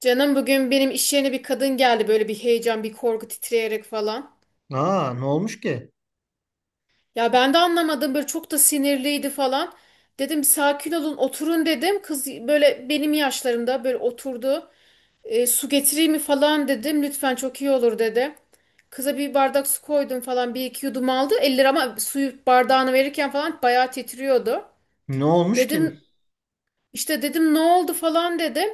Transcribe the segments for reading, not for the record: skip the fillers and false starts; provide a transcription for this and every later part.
Canım, bugün benim iş yerine bir kadın geldi, böyle bir heyecan, bir korku, titreyerek falan. Aa, ne olmuş ki? Ya ben de anlamadım, böyle çok da sinirliydi falan. Dedim, "Bir sakin olun, oturun," dedim. Kız böyle benim yaşlarımda, böyle oturdu. Su getireyim mi falan dedim. Lütfen, çok iyi olur dedi. Kıza bir bardak su koydum falan, bir iki yudum aldı. Elleri ama, suyu, bardağını verirken falan bayağı titriyordu. Ne olmuş Dedim, ki? İşte dedim, ne oldu falan dedim.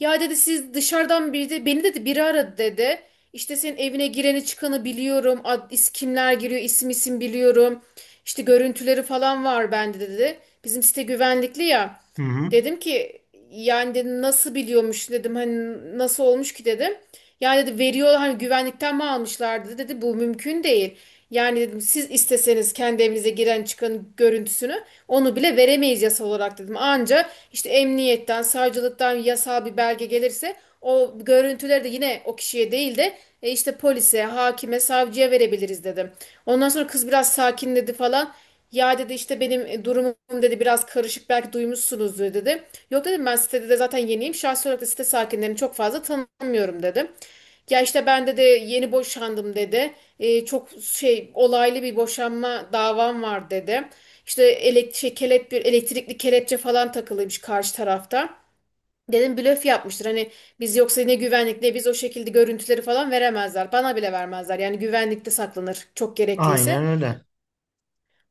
Ya dedi, siz dışarıdan beni dedi biri aradı dedi. İşte senin evine gireni çıkanı biliyorum. Kimler giriyor, isim isim biliyorum. İşte görüntüleri falan var bende dedi. Bizim site güvenlikli ya. Hı hı. Dedim ki, yani dedim nasıl biliyormuş dedim, hani nasıl olmuş ki dedim. Yani dedi veriyor, hani güvenlikten mi almışlardı dedi, bu mümkün değil. Yani dedim, siz isteseniz kendi evinize giren çıkan görüntüsünü, onu bile veremeyiz yasa olarak dedim. Anca işte emniyetten, savcılıktan yasal bir belge gelirse o görüntüleri de yine o kişiye değil de işte polise, hakime, savcıya verebiliriz dedim. Ondan sonra kız biraz sakinledi falan. Ya dedi, işte benim durumum dedi biraz karışık, belki duymuşsunuzdur dedi. Yok dedim, ben sitede de zaten yeniyim. Şahsi olarak da site sakinlerini çok fazla tanımıyorum dedim. Ya işte ben de yeni boşandım dedi, çok şey olaylı bir boşanma davam var dedi. İşte bir elektrikli kelepçe falan takılıymış karşı tarafta. Dedim blöf yapmıştır. Hani biz yoksa ne güvenlik ne biz o şekilde görüntüleri falan veremezler. Bana bile vermezler. Yani güvenlikte saklanır çok Aynen gerekliyse. öyle.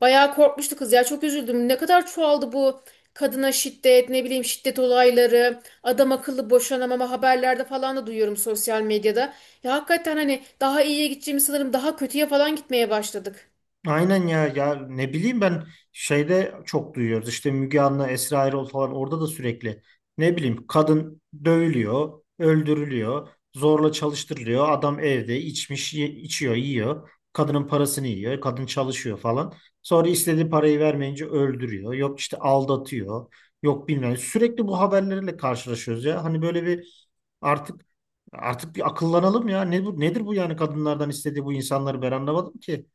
Bayağı korkmuştu kız ya, çok üzüldüm. Ne kadar çoğaldı bu kadına şiddet, ne bileyim şiddet olayları, adam akıllı boşanamama, haberlerde falan da duyuyorum, sosyal medyada. Ya hakikaten hani daha iyiye gideceğimi sanırım, daha kötüye falan gitmeye başladık. Aynen ya ya ne bileyim ben çok duyuyoruz işte Müge Anlı, Esra Erol falan, orada da sürekli ne bileyim kadın dövülüyor, öldürülüyor, zorla çalıştırılıyor. Adam evde içiyor, yiyor. Kadının parasını yiyor, kadın çalışıyor falan. Sonra istediği parayı vermeyince öldürüyor. Yok işte aldatıyor. Yok bilmem. Sürekli bu haberlerle karşılaşıyoruz ya. Hani böyle bir artık artık bir akıllanalım ya. Ne bu, nedir bu yani kadınlardan istediği? Bu insanları ben anlamadım ki.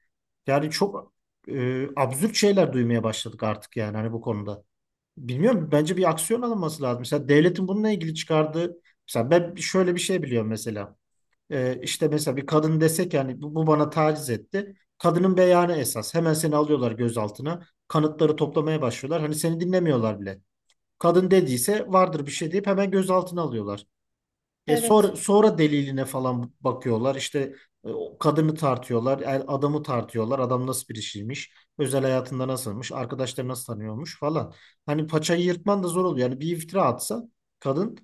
Yani çok absürt şeyler duymaya başladık artık yani hani bu konuda. Bilmiyorum, bence bir aksiyon alınması lazım. Mesela devletin bununla ilgili çıkardığı, mesela ben şöyle bir şey biliyorum mesela. İşte mesela bir kadın desek yani bu bana taciz etti. Kadının beyanı esas. Hemen seni alıyorlar gözaltına. Kanıtları toplamaya başlıyorlar. Hani seni dinlemiyorlar bile. Kadın dediyse vardır bir şey deyip hemen gözaltına alıyorlar. E sonra, Evet. sonra deliline falan bakıyorlar. İşte o kadını tartıyorlar, adamı tartıyorlar. Adam nasıl birisiymiş, özel hayatında nasılmış, arkadaşları nasıl tanıyormuş falan. Hani paçayı yırtman da zor oluyor. Yani bir iftira atsa kadın,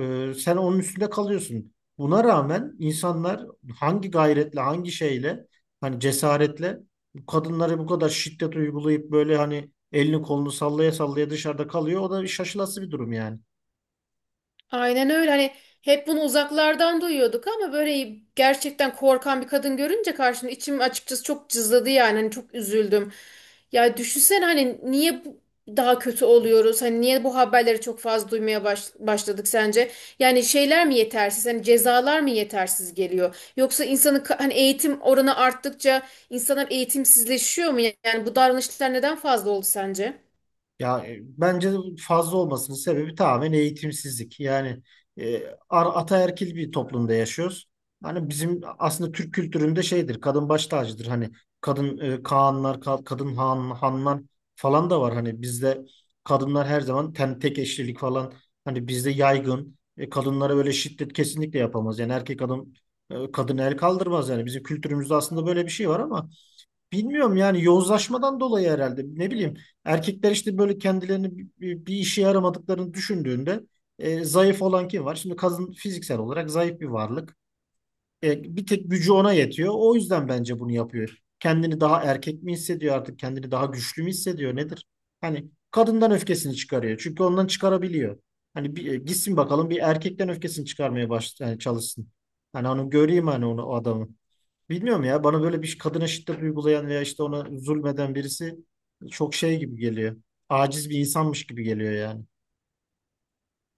sen onun üstünde kalıyorsun. Buna rağmen insanlar hangi gayretle, hangi şeyle, hani cesaretle bu kadınlara bu kadar şiddet uygulayıp böyle hani elini kolunu sallaya sallaya dışarıda kalıyor. O da şaşılası bir durum yani. Aynen öyle. Hani hep bunu uzaklardan duyuyorduk ama böyle gerçekten korkan bir kadın görünce karşımda içim açıkçası çok cızladı yani. Hani çok üzüldüm. Ya düşünsene, hani daha kötü oluyoruz? Hani niye bu haberleri çok fazla duymaya başladık sence? Yani şeyler mi yetersiz? Hani cezalar mı yetersiz geliyor? Yoksa hani eğitim oranı arttıkça insanlar eğitimsizleşiyor mu? Yani bu davranışlar neden fazla oldu sence? Bence fazla olmasının sebebi tamamen eğitimsizlik. Yani e, ataerkil bir toplumda yaşıyoruz. Hani bizim aslında Türk kültüründe şeydir, kadın baş tacıdır. Hani kadın kağanlar, kadın han, hanlar falan da var. Hani bizde kadınlar her zaman tek eşlilik falan, hani bizde yaygın. E, kadınlara böyle şiddet kesinlikle yapamaz. Yani erkek adam, kadın el kaldırmaz yani. Bizim kültürümüzde aslında böyle bir şey var ama bilmiyorum yani yozlaşmadan dolayı herhalde, ne bileyim, erkekler işte böyle kendilerini bir işe yaramadıklarını düşündüğünde, zayıf olan kim var? Şimdi kadın fiziksel olarak zayıf bir varlık. E, bir tek gücü ona yetiyor. O yüzden bence bunu yapıyor. Kendini daha erkek mi hissediyor artık? Kendini daha güçlü mü hissediyor? Nedir? Hani kadından öfkesini çıkarıyor. Çünkü ondan çıkarabiliyor. Hani gitsin bakalım bir erkekten öfkesini çıkarmaya yani çalışsın. Hani onu göreyim, hani onu, o adamı. Bilmiyorum ya, bana böyle bir kadına şiddet uygulayan veya işte ona zulmeden birisi çok şey gibi geliyor. Aciz bir insanmış gibi geliyor yani.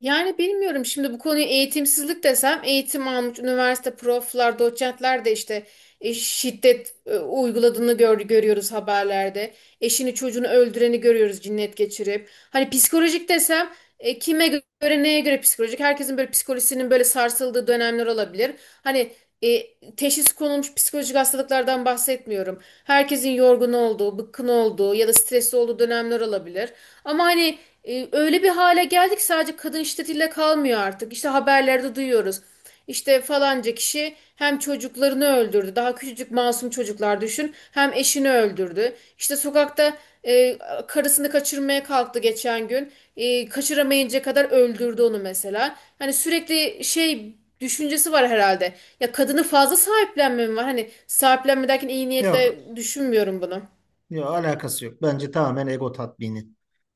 Yani bilmiyorum, şimdi bu konuyu eğitimsizlik desem, eğitim almış üniversite proflar, doçentler de işte şiddet uyguladığını görüyoruz haberlerde. Eşini çocuğunu öldüreni görüyoruz cinnet geçirip. Hani psikolojik desem kime göre, neye göre psikolojik? Herkesin böyle psikolojisinin böyle sarsıldığı dönemler olabilir. Hani teşhis konulmuş psikolojik hastalıklardan bahsetmiyorum. Herkesin yorgun olduğu, bıkkın olduğu ya da stresli olduğu dönemler olabilir. Ama hani öyle bir hale geldik, sadece kadın şiddetiyle kalmıyor artık. İşte haberlerde duyuyoruz. İşte falanca kişi hem çocuklarını öldürdü. Daha küçücük masum çocuklar, düşün. Hem eşini öldürdü. İşte sokakta e, karısını kaçırmaya kalktı geçen gün. Kaçıramayınca kadar öldürdü onu mesela. Hani sürekli şey düşüncesi var herhalde. Ya kadını fazla sahiplenme mi var? Hani sahiplenme derken iyi Yok niyetle düşünmüyorum bunu. Yok, alakası yok. Bence tamamen ego tatmini.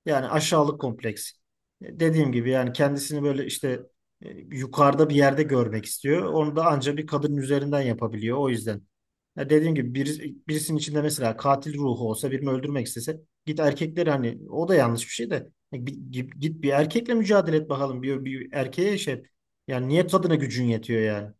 Yani aşağılık kompleksi. Dediğim gibi yani kendisini böyle işte yukarıda bir yerde görmek istiyor. Onu da ancak bir kadının üzerinden yapabiliyor. O yüzden. Ya dediğim gibi birisinin içinde mesela katil ruhu olsa, birini öldürmek istese git erkekleri, hani o da yanlış bir şey de, ya git bir erkekle mücadele et bakalım. Bir erkeğe şey, yani niye kadına gücün yetiyor yani?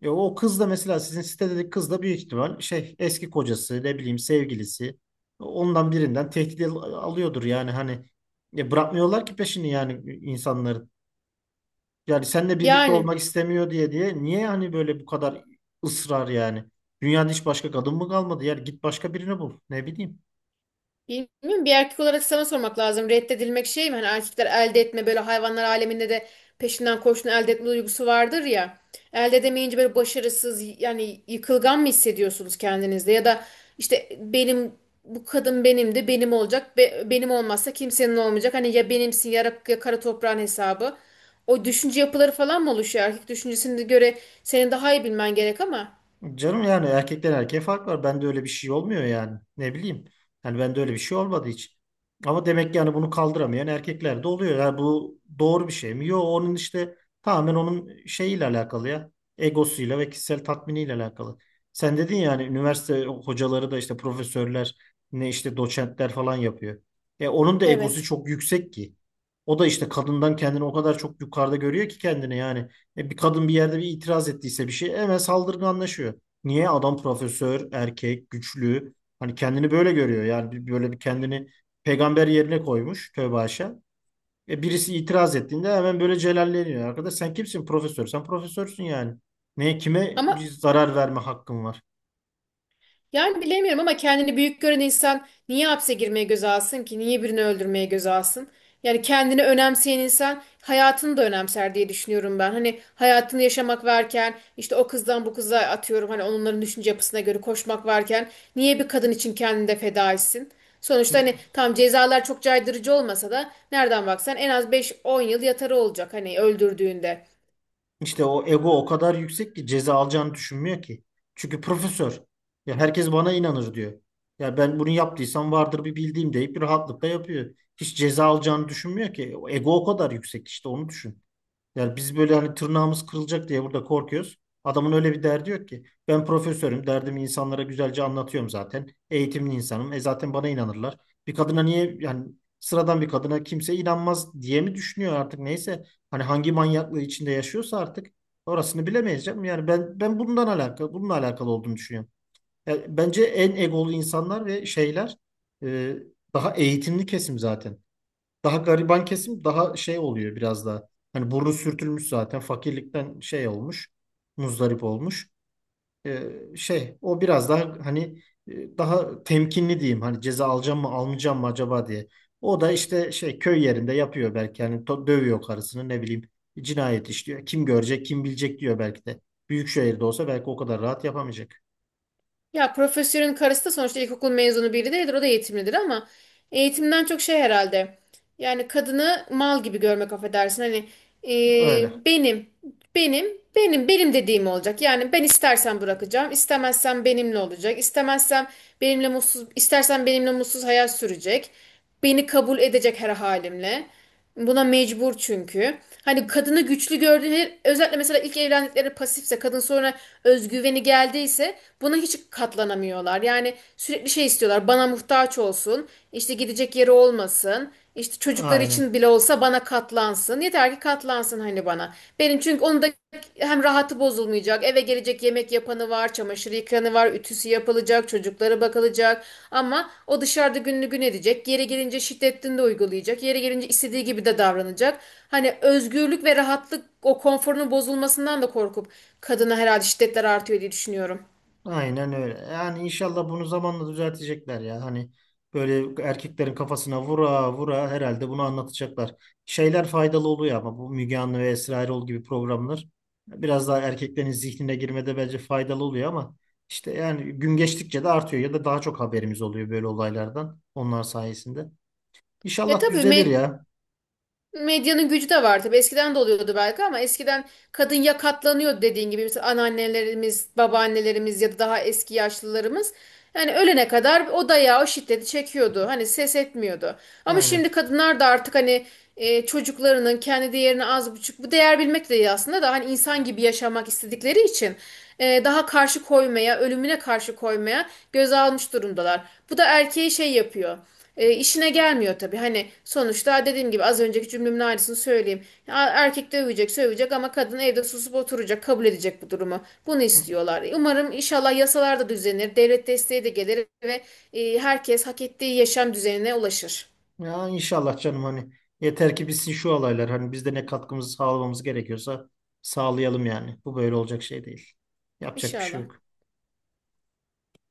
Ya o kız da mesela sizin sitedeki kız da büyük ihtimal şey, eski kocası, ne bileyim sevgilisi, ondan birinden tehdit alıyordur yani. Hani ya bırakmıyorlar ki peşini, yani insanların. Yani seninle birlikte Yani. olmak istemiyor diye diye niye hani böyle bu kadar ısrar yani? Dünyada hiç başka kadın mı kalmadı? Yani git başka birini bul. Ne bileyim. Bilmiyorum, bir erkek olarak sana sormak lazım. Reddedilmek şey mi? Hani erkekler elde etme, böyle hayvanlar aleminde de peşinden koşun elde etme duygusu vardır ya. Elde edemeyince böyle başarısız, yani yıkılgan mı hissediyorsunuz kendinizde? Ya da işte benim, bu kadın benim, de benim olacak. Benim olmazsa kimsenin olmayacak. Hani ya benimsin ya, ya kara toprağın hesabı. O düşünce yapıları falan mı oluşuyor? Erkek düşüncesine göre senin daha iyi bilmen gerek ama. Canım yani erkekten erkeğe fark var. Bende öyle bir şey olmuyor yani. Ne bileyim. Yani bende öyle bir şey olmadı hiç. Ama demek ki yani bunu kaldıramayan erkekler de oluyor. Yani bu doğru bir şey mi? Yok, onun işte tamamen onun şeyiyle alakalı ya. Egosuyla ve kişisel tatminiyle alakalı. Sen dedin yani üniversite hocaları da işte profesörler, ne işte doçentler falan yapıyor. E onun da egosu Evet. çok yüksek ki. O da işte kadından kendini o kadar çok yukarıda görüyor ki, kendini yani. E, bir kadın bir yerde bir itiraz ettiyse bir şey, hemen saldırganlaşıyor. Niye? Adam profesör, erkek, güçlü. Hani kendini böyle görüyor. Yani böyle bir, kendini peygamber yerine koymuş, tövbe haşa. E birisi itiraz ettiğinde hemen böyle celalleniyor. Arkadaş sen kimsin? Profesör? Sen profesörsün yani. Ne, kime bir Ama zarar verme hakkın var? yani bilemiyorum, ama kendini büyük gören insan niye hapse girmeye göze alsın ki? Niye birini öldürmeye göze alsın? Yani kendini önemseyen insan hayatını da önemser diye düşünüyorum ben. Hani hayatını yaşamak varken, işte o kızdan bu kıza atıyorum, hani onların düşünce yapısına göre koşmak varken niye bir kadın için kendini de feda etsin? Sonuçta hani tam cezalar çok caydırıcı olmasa da nereden baksan en az beş on yıl yatarı olacak hani öldürdüğünde. İşte o ego o kadar yüksek ki ceza alacağını düşünmüyor ki. Çünkü profesör. Ya herkes bana inanır diyor. Ya ben bunu yaptıysam vardır bir bildiğim deyip bir rahatlıkla yapıyor. Hiç ceza alacağını düşünmüyor ki. O ego o kadar yüksek, işte onu düşün. Yani biz böyle hani tırnağımız kırılacak diye burada korkuyoruz. Adamın öyle bir derdi yok ki. Ben profesörüm, derdimi insanlara güzelce anlatıyorum zaten. Eğitimli insanım. E zaten bana inanırlar. Bir kadına niye yani, sıradan bir kadına kimse inanmaz diye mi düşünüyor artık, neyse. Hani hangi manyaklığı içinde yaşıyorsa artık, orasını bilemeyiz canım. Yani ben bundan alakalı bununla alakalı olduğunu düşünüyorum. Yani bence en egolu insanlar ve şeyler, e, daha eğitimli kesim zaten. Daha gariban kesim daha şey oluyor biraz daha. Hani burnu sürtülmüş zaten, fakirlikten şey olmuş, muzdarip olmuş. Ee, şey o biraz daha hani daha temkinli diyeyim. Hani ceza alacağım mı almayacağım mı acaba diye. O da işte şey köy yerinde yapıyor belki, hani dövüyor karısını, ne bileyim, cinayet işliyor. Kim görecek, kim bilecek diyor belki de. Büyük şehirde olsa belki o kadar rahat yapamayacak. Ya profesörün karısı da sonuçta ilkokul mezunu biri değildir. O da eğitimlidir ama eğitimden çok şey herhalde. Yani kadını mal gibi görmek, affedersin. Hani Öyle. benim, benim, benim, benim dediğim olacak. Yani ben istersen bırakacağım, istemezsem benimle olacak, istemezsem benimle mutsuz, istersen benimle mutsuz hayat sürecek. Beni kabul edecek her halimle. Buna mecbur çünkü. Hani kadını güçlü gördüğü, özellikle mesela ilk evlendikleri pasifse kadın, sonra özgüveni geldiyse, buna hiç katlanamıyorlar. Yani sürekli şey istiyorlar, bana muhtaç olsun, işte gidecek yeri olmasın, işte çocukları Aynen. için bile olsa bana katlansın, yeter ki katlansın hani bana. Benim çünkü onu da, hem rahatı bozulmayacak, eve gelecek yemek yapanı var, çamaşır yıkanı var, ütüsü yapılacak, çocuklara bakılacak. Ama o dışarıda gününü gün edecek, yere gelince şiddetini de uygulayacak, yere gelince istediği gibi de davranacak. Hani özgürlük ve rahatlık, o konforunun bozulmasından da korkup kadına herhalde şiddetler artıyor diye düşünüyorum. Aynen öyle. Yani inşallah bunu zamanla düzeltecekler ya. Hani böyle erkeklerin kafasına vura vura herhalde bunu anlatacaklar. Şeyler faydalı oluyor ama, bu Müge Anlı ve Esra Erol gibi programlar biraz daha erkeklerin zihnine girmede bence faydalı oluyor ama işte yani gün geçtikçe de artıyor ya da daha çok haberimiz oluyor böyle olaylardan, onlar sayesinde. Ya İnşallah tabii düzelir ya. medyanın gücü de var tabii. Eskiden de oluyordu belki ama eskiden kadın ya katlanıyordu dediğin gibi. Mesela anneannelerimiz, babaannelerimiz ya da daha eski yaşlılarımız. Yani ölene kadar o dayağı, o şiddeti çekiyordu. Hani ses etmiyordu. Ama Aynen. şimdi kadınlar da artık hani çocuklarının kendi değerini az buçuk, bu değer bilmek de iyi aslında da, hani insan gibi yaşamak istedikleri için daha karşı koymaya, ölümüne karşı koymaya göz almış durumdalar. Bu da erkeği şey yapıyor. İşine gelmiyor tabii. Hani sonuçta dediğim gibi az önceki cümlemin aynısını söyleyeyim. Ya, erkek de övecek, sövecek ama kadın evde susup oturacak, kabul edecek bu durumu. Bunu istiyorlar. Umarım inşallah yasalar da düzenir, devlet desteği de gelir ve herkes hak ettiği yaşam düzenine ulaşır. Ya inşallah canım, hani yeter ki bitsin şu olaylar. Hani biz de ne katkımızı sağlamamız gerekiyorsa sağlayalım yani. Bu böyle olacak şey değil. Yapacak bir şey İnşallah. yok.